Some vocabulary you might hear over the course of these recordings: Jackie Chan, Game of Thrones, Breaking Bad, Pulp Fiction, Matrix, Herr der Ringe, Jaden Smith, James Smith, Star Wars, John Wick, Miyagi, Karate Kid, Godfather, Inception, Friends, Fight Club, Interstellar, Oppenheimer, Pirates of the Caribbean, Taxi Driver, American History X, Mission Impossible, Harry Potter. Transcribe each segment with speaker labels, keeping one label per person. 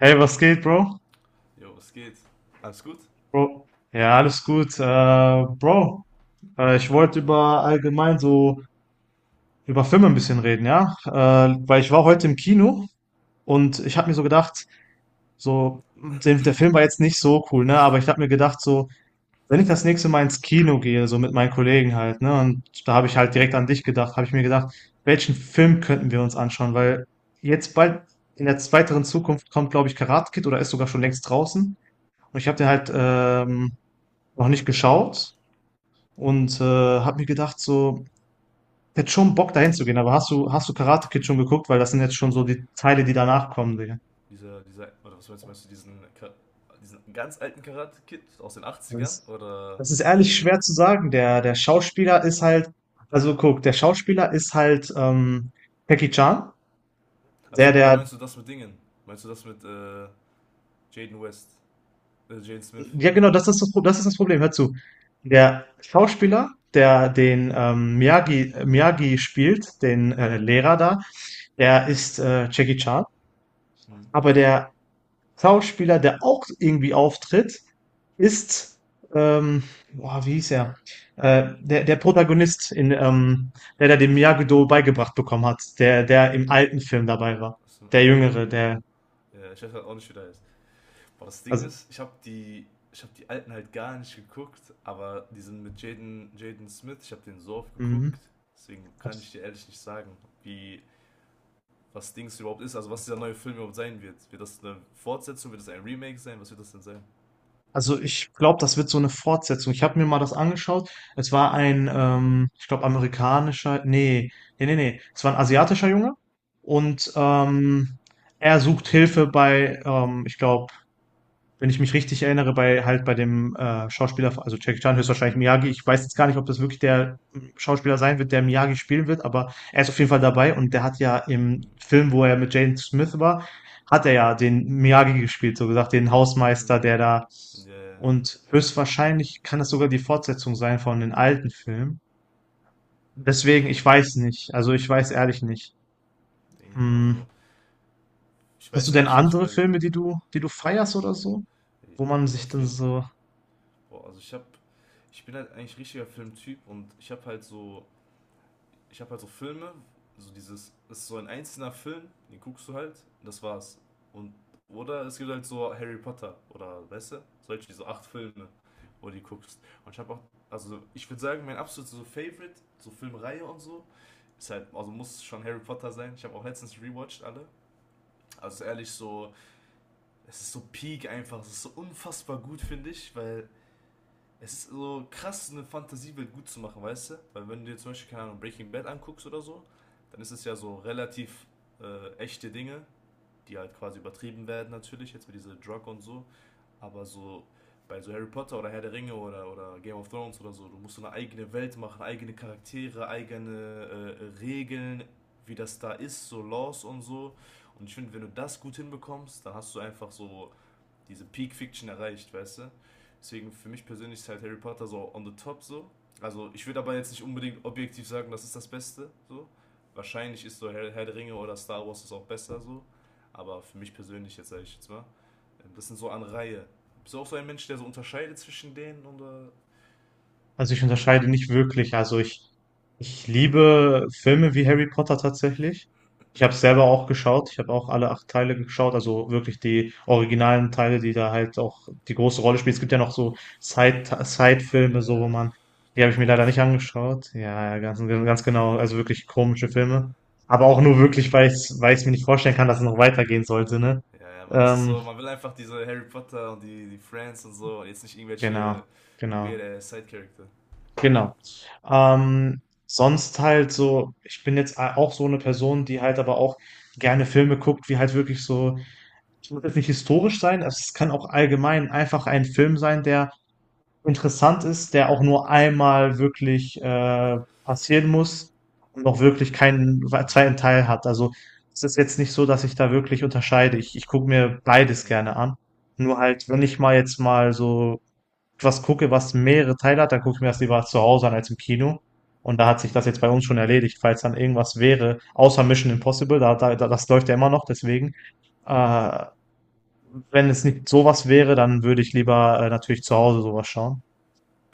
Speaker 1: Hey, was geht, Bro?
Speaker 2: Jo, was geht? Alles gut?
Speaker 1: Bro. Ja, alles gut. Bro, ich wollte
Speaker 2: Hm?
Speaker 1: über allgemein so über Filme ein bisschen reden, ja? Weil ich war heute
Speaker 2: Hm?
Speaker 1: im Kino und ich habe mir so
Speaker 2: Ja?
Speaker 1: gedacht, so, der Film war jetzt nicht so cool, ne? Aber ich habe mir gedacht, so, wenn ich das nächste Mal ins Kino gehe, so mit meinen Kollegen halt, ne? Und da habe ich halt
Speaker 2: Hm?
Speaker 1: direkt an dich gedacht, habe ich mir gedacht, welchen Film könnten wir uns anschauen? Weil jetzt bald in der weiteren Zukunft kommt, glaube ich, Karate Kid oder ist sogar schon längst draußen. Und ich habe den
Speaker 2: Hm?
Speaker 1: halt noch nicht geschaut und habe mir gedacht, so, ich hätte schon Bock dahin zu gehen, aber hast du Karate Kid schon geguckt? Weil das sind jetzt schon so die Teile, die danach kommen, Digga.
Speaker 2: Dieser, oder was meinst du diesen ganz alten Karate-Kid aus den Achtzigern
Speaker 1: Das,
Speaker 2: oder
Speaker 1: das ist ehrlich
Speaker 2: den mit,
Speaker 1: schwer zu sagen. Der Schauspieler ist halt, also guck, der Schauspieler ist halt Jackie Chan. Der,
Speaker 2: achso, oder
Speaker 1: der,
Speaker 2: meinst du das mit Dingen? Meinst du das mit Jaden West, Jaden Smith?
Speaker 1: ja, genau, das ist das, das ist das Problem. Hör zu. Der Schauspieler, der den Miyagi spielt, den Lehrer da, der
Speaker 2: Hm?
Speaker 1: ist Jackie Chan.
Speaker 2: Hm?
Speaker 1: Aber der Schauspieler, der auch irgendwie auftritt, ist, ähm, boah, wie hieß er? Der Protagonist, in, der da den Miyagi-Do beigebracht bekommen hat, der im alten Film dabei war.
Speaker 2: Aus dem
Speaker 1: Der
Speaker 2: alten?
Speaker 1: Jüngere, der,
Speaker 2: Ja, ich weiß halt auch nicht, wie der heißt. Aber das Ding
Speaker 1: also,
Speaker 2: ist, ich habe die alten halt gar nicht geguckt, aber diesen mit Jaden Smith, ich habe den so oft geguckt,
Speaker 1: mhm.
Speaker 2: deswegen kann ich dir ehrlich nicht sagen, wie was Dings überhaupt ist, also was dieser neue Film überhaupt sein wird. Wird das eine Fortsetzung, wird das ein Remake sein, was wird das denn sein?
Speaker 1: Also ich glaube, das wird so eine Fortsetzung. Ich habe mir mal das angeschaut. Es war ein, ich glaube, amerikanischer, nee, nee, nee, nee. Es war ein asiatischer Junge und er sucht Hilfe bei, ich glaube, wenn ich mich richtig erinnere, bei halt bei dem Schauspieler, also Jackie Chan höchstwahrscheinlich Miyagi. Ich weiß jetzt gar
Speaker 2: Mhm.
Speaker 1: nicht, ob das wirklich der Schauspieler sein wird, der Miyagi spielen wird, aber er ist auf jeden Fall dabei und der hat ja im Film, wo er mit Jane Smith war, hat er ja den Miyagi gespielt, so gesagt, den Hausmeister,
Speaker 2: Mhm.
Speaker 1: der da
Speaker 2: Ja, ja.
Speaker 1: und höchstwahrscheinlich kann das sogar die Fortsetzung sein von den alten Filmen. Deswegen,
Speaker 2: Puh,
Speaker 1: ich weiß nicht. Also ich weiß ehrlich nicht.
Speaker 2: also
Speaker 1: Hm.
Speaker 2: ich
Speaker 1: Hast du
Speaker 2: weiß
Speaker 1: denn
Speaker 2: eigentlich nicht,
Speaker 1: andere
Speaker 2: weil.
Speaker 1: Filme, die du, feierst oder so, wo man
Speaker 2: Ja,
Speaker 1: sich
Speaker 2: auf
Speaker 1: dann
Speaker 2: jeden.
Speaker 1: so.
Speaker 2: Boah, also ich bin halt eigentlich richtiger Filmtyp und ich habe halt so Filme, so dieses, es ist so ein einzelner Film, den guckst du halt, das war's. Und, oder es gibt halt so Harry Potter oder, weißt du, solche, diese acht Filme, wo du die guckst. Und ich habe auch, also ich würde sagen, mein absolutes so Favorite, so Filmreihe und so, ist halt, also muss schon Harry Potter sein. Ich habe auch letztens rewatcht alle. Also ehrlich, so, es ist so peak einfach, es ist so unfassbar gut, finde ich, weil es ist so krass, eine Fantasiewelt gut zu machen, weißt du? Weil wenn du dir zum Beispiel, keine Ahnung, Breaking Bad anguckst oder so, dann ist es ja so relativ echte Dinge, die halt quasi übertrieben werden natürlich, jetzt mit dieser Drug und so. Aber so bei so Harry Potter oder Herr der Ringe oder Game of Thrones oder so, du musst so eine eigene Welt machen, eigene Charaktere, eigene Regeln, wie das da ist, so Laws und so. Und ich finde, wenn du das gut hinbekommst, dann hast du einfach so diese Peak Fiction erreicht, weißt du? Deswegen für mich persönlich ist halt Harry Potter so on the top so. Also ich würde aber jetzt nicht unbedingt objektiv sagen, das ist das Beste so. Wahrscheinlich ist so Herr der Ringe oder Star Wars ist auch besser so. Aber für mich persönlich jetzt sage ich jetzt mal, das sind so an Reihe. Bist du auch so ein Mensch, der so unterscheidet zwischen denen oder?
Speaker 1: Also ich unterscheide nicht wirklich. Also ich liebe Filme wie Harry Potter tatsächlich. Ich habe selber auch geschaut. Ich habe auch alle acht Teile geschaut. Also wirklich die originalen Teile, die da halt auch die große Rolle spielen. Es gibt ja noch so
Speaker 2: Ja,
Speaker 1: Side-Filme, so wo
Speaker 2: ja,
Speaker 1: man, die
Speaker 2: diese
Speaker 1: habe ich mir leider nicht
Speaker 2: komischen.
Speaker 1: angeschaut. Ja, ja, ganz, ganz genau. Also wirklich komische Filme. Aber auch nur wirklich, weil ich es mir nicht vorstellen kann, dass es noch weitergehen sollte, ne?
Speaker 2: Ja, ja, man, das ist so,
Speaker 1: Ähm,
Speaker 2: man will einfach diese Harry Potter und die Friends und so und jetzt nicht
Speaker 1: genau,
Speaker 2: irgendwelche
Speaker 1: genau.
Speaker 2: weird Side-Charakter.
Speaker 1: Genau. Ähm, sonst halt so, ich bin jetzt auch so eine Person, die halt aber auch gerne Filme guckt, wie halt wirklich so, es muss jetzt nicht historisch sein, es kann auch allgemein einfach ein Film sein, der interessant ist, der auch nur einmal wirklich passieren muss und auch wirklich keinen
Speaker 2: Mhm.
Speaker 1: zweiten Teil hat. Also es ist jetzt nicht so, dass ich da wirklich unterscheide. Ich gucke mir beides
Speaker 2: Mhm.
Speaker 1: gerne an. Nur halt, wenn ich mal jetzt mal so was gucke, was mehrere Teile hat, dann gucke ich mir das lieber zu Hause an als im Kino. Und da hat sich
Speaker 2: Mhm.
Speaker 1: das jetzt bei uns schon erledigt, falls dann irgendwas wäre, außer Mission Impossible, das läuft ja immer noch, deswegen.
Speaker 2: Mhm.
Speaker 1: Äh, wenn es nicht sowas wäre, dann würde ich lieber natürlich zu Hause sowas schauen.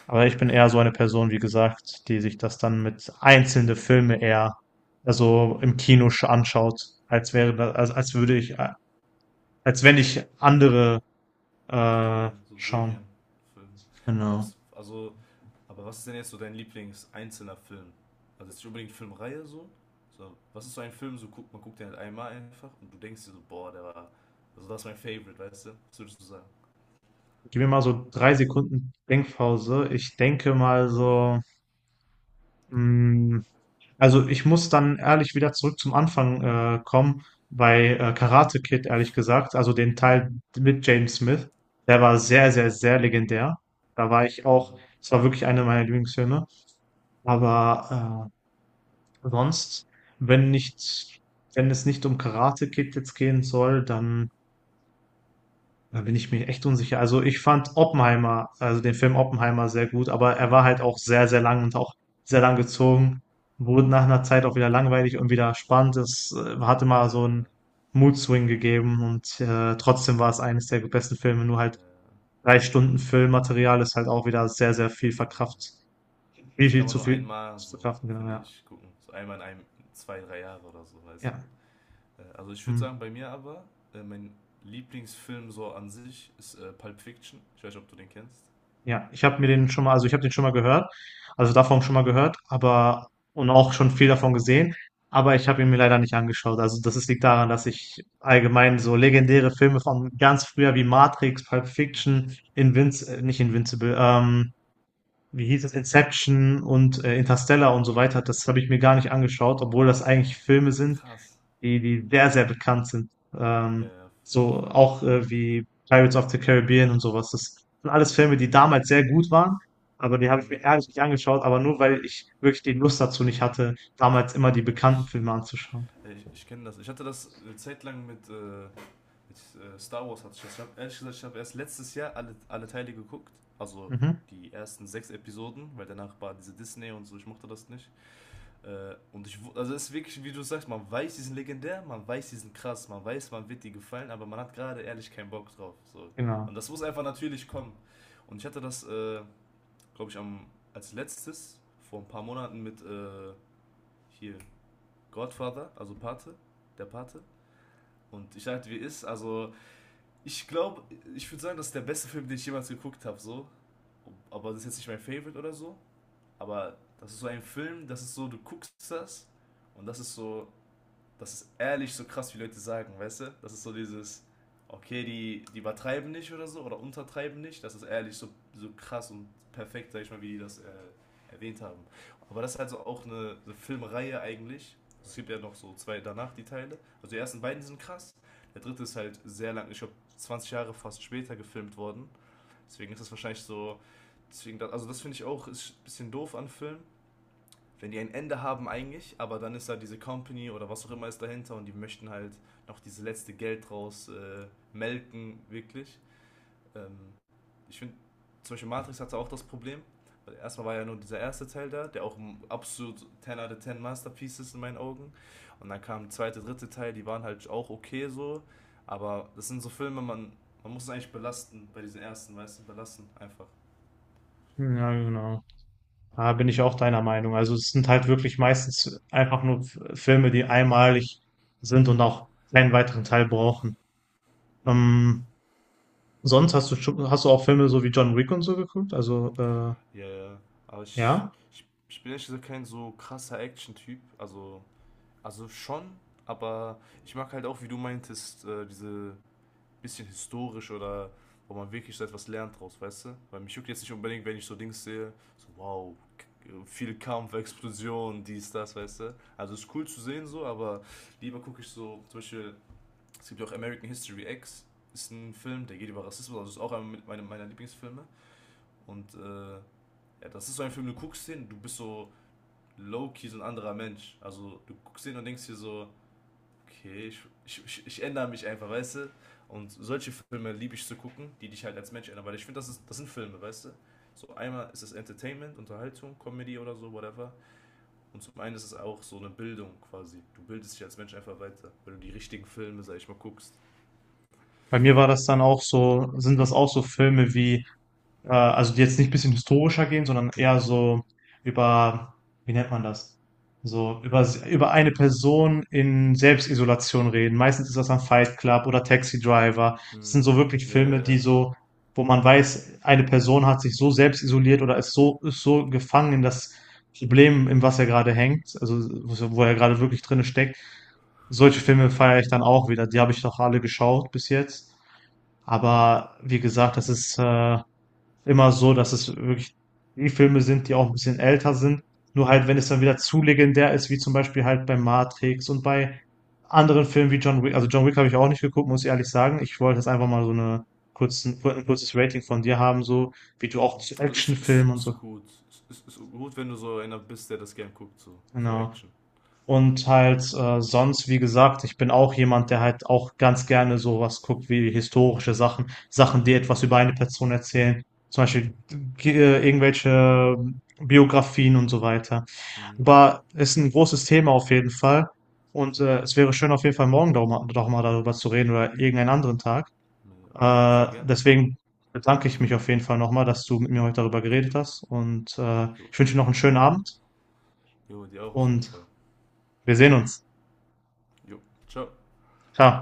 Speaker 1: Aber ich bin eher so eine Person, wie gesagt, die sich das dann mit einzelne Filme eher also
Speaker 2: Mhm.
Speaker 1: im Kino anschaut, als wäre das, als, als würde ich, als wenn ich andere
Speaker 2: Ja, ja, so Serien,
Speaker 1: schauen.
Speaker 2: Filme. Aber
Speaker 1: Genau.
Speaker 2: was, also, aber was ist denn jetzt so dein Lieblings-einzelner Film? Also jetzt nicht unbedingt Filmreihe so. Was ist so ein Film, so guckt den halt einmal einfach und du denkst dir so, boah, der war. Also das ist mein Favorite, weißt du? Was würdest du sagen?
Speaker 1: Gib mir mal so 3 Sekunden Denkpause. Ich denke mal so, mh, also ich muss dann ehrlich wieder zurück zum Anfang kommen bei Karate Kid, ehrlich gesagt. Also den Teil mit James Smith. Der war sehr, sehr, sehr legendär. Da war ich
Speaker 2: Hm.
Speaker 1: auch, es war wirklich einer meiner Lieblingsfilme. Aber sonst, wenn nicht, wenn es nicht um Karate Kid jetzt gehen soll, dann da bin ich mir echt unsicher. Also ich fand Oppenheimer, also den Film Oppenheimer sehr gut, aber er war
Speaker 2: Hm.
Speaker 1: halt auch sehr, sehr lang und auch sehr lang gezogen. Wurde nach einer Zeit auch wieder
Speaker 2: Hm.
Speaker 1: langweilig und wieder spannend. Es hatte
Speaker 2: Ja,
Speaker 1: mal so
Speaker 2: ja,
Speaker 1: einen Mood-Swing gegeben und trotzdem war es eines der besten Filme. Nur halt
Speaker 2: ja.
Speaker 1: 3 Stunden Filmmaterial ist halt auch wieder sehr, sehr viel verkraft. Viel,
Speaker 2: Das kann man nur
Speaker 1: viel
Speaker 2: einmal
Speaker 1: zu
Speaker 2: so,
Speaker 1: verkraften, genau,
Speaker 2: finde
Speaker 1: ja.
Speaker 2: ich, gucken. So einmal in einem, zwei, drei Jahre oder so, weißt du?
Speaker 1: Ja.
Speaker 2: Also ich würde
Speaker 1: Hm.
Speaker 2: sagen, bei mir aber, mein Lieblingsfilm so an sich ist Pulp Fiction. Ich weiß nicht, ob du den kennst.
Speaker 1: Ja, ich habe mir den schon mal also, ich habe den schon mal gehört, also, davon schon mal gehört, aber und auch schon viel davon gesehen, aber ich habe ihn mir leider nicht angeschaut. Also, das ist liegt daran,
Speaker 2: Hm,
Speaker 1: dass ich allgemein so
Speaker 2: äh,
Speaker 1: legendäre Filme von ganz früher wie Matrix, Pulp Fiction, Invinci nicht Invincible, wie hieß es? Inception und, Interstellar und
Speaker 2: hm.
Speaker 1: so weiter, das habe ich mir gar nicht angeschaut, obwohl das eigentlich
Speaker 2: Boah,
Speaker 1: Filme sind,
Speaker 2: krass.
Speaker 1: die sehr, sehr bekannt sind.
Speaker 2: Ja,
Speaker 1: Ähm,
Speaker 2: ja, auf jeden
Speaker 1: so
Speaker 2: Fall.
Speaker 1: auch wie Pirates of the Caribbean und sowas. Das sind alles Filme, die damals sehr gut
Speaker 2: Krass.
Speaker 1: waren, aber die habe ich mir
Speaker 2: Hm.
Speaker 1: ehrlich nicht angeschaut, aber nur weil ich wirklich die Lust dazu nicht hatte, damals immer die
Speaker 2: Ja,
Speaker 1: bekannten
Speaker 2: ich,
Speaker 1: Filme anzuschauen.
Speaker 2: ja, ich kenne das. Ich hatte das eine Zeit lang mit Star Wars hatte ich das. Ich hab, ehrlich gesagt, ich habe erst letztes Jahr alle Teile geguckt. Also
Speaker 1: Mhm,
Speaker 2: die ersten sechs Episoden, weil danach war diese Disney und so, ich mochte das nicht. Also es ist wirklich, wie du sagst, man weiß, die sind legendär, man weiß, die sind krass, man weiß, man wird die gefallen, aber man hat gerade ehrlich keinen Bock drauf. So.
Speaker 1: genau.
Speaker 2: Und das muss einfach natürlich kommen. Und ich hatte das, glaube ich, als letztes vor ein paar Monaten mit hier Godfather, also Pate, der Pate. Und ich sagte, also ich glaube, ich würde sagen, das ist der beste Film, den ich jemals geguckt habe, so. Aber das ist jetzt nicht mein Favorite oder so. Aber das ist so ein Film, das ist so, du guckst das und das ist so, das ist ehrlich so krass, wie Leute sagen, weißt du? Das ist so dieses, okay, die übertreiben nicht oder so, oder untertreiben nicht. Das ist ehrlich so, so krass und perfekt, sag ich mal, wie die das erwähnt haben. Aber das ist also auch eine Filmreihe eigentlich. Es gibt ja noch so zwei danach, die Teile. Also die ersten beiden sind krass. Der dritte ist halt sehr lang, ich glaube 20 Jahre fast später gefilmt worden. Deswegen ist das wahrscheinlich so, also das finde ich auch ist ein bisschen doof an Filmen, wenn die ein Ende haben eigentlich, aber dann ist da diese Company oder was auch immer ist dahinter und die möchten halt noch dieses letzte Geld draus melken, wirklich. Ähm, Ich finde, zum Beispiel Matrix hatte auch das Problem. Erstmal war ja nur dieser erste Teil da, der auch ein absolut 10 out of 10 Masterpiece ist in meinen Augen. Und dann kam der zweite, dritte Teil, die waren halt auch okay so. Aber das sind so Filme, man muss es eigentlich belasten bei diesen ersten, weißt du, belasten einfach.
Speaker 1: Ja, genau. Da bin ich auch deiner Meinung. Also es sind halt wirklich meistens einfach nur Filme, die einmalig sind und auch keinen weiteren Teil brauchen.
Speaker 2: Mhm.
Speaker 1: Ähm, sonst hast du auch Filme so wie John Wick und so geguckt? Also
Speaker 2: Ja, ja. Aber ich,
Speaker 1: ja.
Speaker 2: ich, ich bin ehrlich gesagt kein so krasser Action-Typ. Also schon, aber ich mag halt auch, wie du meintest, diese bisschen historisch oder wo man wirklich so etwas lernt draus, weißt du? Weil mich juckt jetzt nicht unbedingt, wenn ich so Dings sehe, so wow, viel Kampf, Explosion, dies, das, weißt du? Also ist cool zu sehen so, aber lieber gucke ich so, zum Beispiel, es gibt ja auch American History X, ist ein Film, der geht über Rassismus, also ist auch einer meiner Lieblingsfilme. Und ja, das ist so ein Film, du guckst den, du bist so low-key, so ein anderer Mensch. Also du guckst den und denkst dir so, okay, ich ändere mich einfach, weißt du? Und solche Filme liebe ich zu gucken, die dich halt als Mensch ändern, weil ich finde, das sind Filme, weißt du? So einmal ist es Entertainment, Unterhaltung, Comedy oder so, whatever. Und zum einen ist es auch so eine Bildung quasi. Du bildest dich als Mensch einfach weiter, wenn du die richtigen Filme, sag ich mal, guckst.
Speaker 1: Bei mir war das dann auch so sind das auch so Filme wie also die jetzt nicht ein bisschen historischer gehen, sondern eher so über, wie nennt man das? So über eine Person in Selbstisolation reden. Meistens ist das dann Fight Club oder Taxi Driver. Das sind
Speaker 2: Mhm.
Speaker 1: so wirklich
Speaker 2: Ja, ja,
Speaker 1: Filme, die
Speaker 2: ja.
Speaker 1: so, wo man weiß, eine Person hat sich so selbst isoliert oder ist so gefangen in das Problem, in was er gerade hängt, also wo er gerade wirklich drinne steckt. Solche Filme feiere ich dann auch wieder. Die habe ich noch alle geschaut bis jetzt.
Speaker 2: Mhm.
Speaker 1: Aber wie gesagt, das ist immer so, dass es wirklich die Filme sind, die auch ein bisschen älter sind. Nur halt, wenn es dann wieder zu legendär ist, wie zum Beispiel halt bei Matrix und bei anderen Filmen wie John Wick. Also John Wick habe ich auch nicht geguckt, muss ich ehrlich sagen. Ich wollte jetzt einfach mal so ein kurzes Rating von dir haben, so wie du auch
Speaker 2: Mhm.
Speaker 1: zu
Speaker 2: Also ist, ist,
Speaker 1: Actionfilmen und so.
Speaker 2: ist gut. Ist gut, wenn du so einer bist, der das gern guckt, so, so
Speaker 1: Genau.
Speaker 2: Action.
Speaker 1: Und halt sonst, wie gesagt, ich bin auch jemand, der halt auch ganz gerne sowas guckt wie historische Sachen, Sachen, die etwas über eine Person erzählen, zum Beispiel irgendwelche Biografien und so weiter.
Speaker 2: Mhm.
Speaker 1: Aber ist ein großes Thema auf jeden Fall. Und es wäre schön, auf jeden Fall morgen doch mal darüber zu reden oder irgendeinen anderen Tag.
Speaker 2: Naja, auf jeden Fall
Speaker 1: Äh,
Speaker 2: gerne.
Speaker 1: deswegen bedanke ich mich auf jeden Fall nochmal, dass du mit mir heute darüber geredet
Speaker 2: Jo,
Speaker 1: hast. Und
Speaker 2: jo,
Speaker 1: ich wünsche dir noch einen schönen Abend
Speaker 2: jo, dir auch auf jeden
Speaker 1: und
Speaker 2: Fall.
Speaker 1: wir sehen uns.
Speaker 2: Jo, ciao.
Speaker 1: Ciao.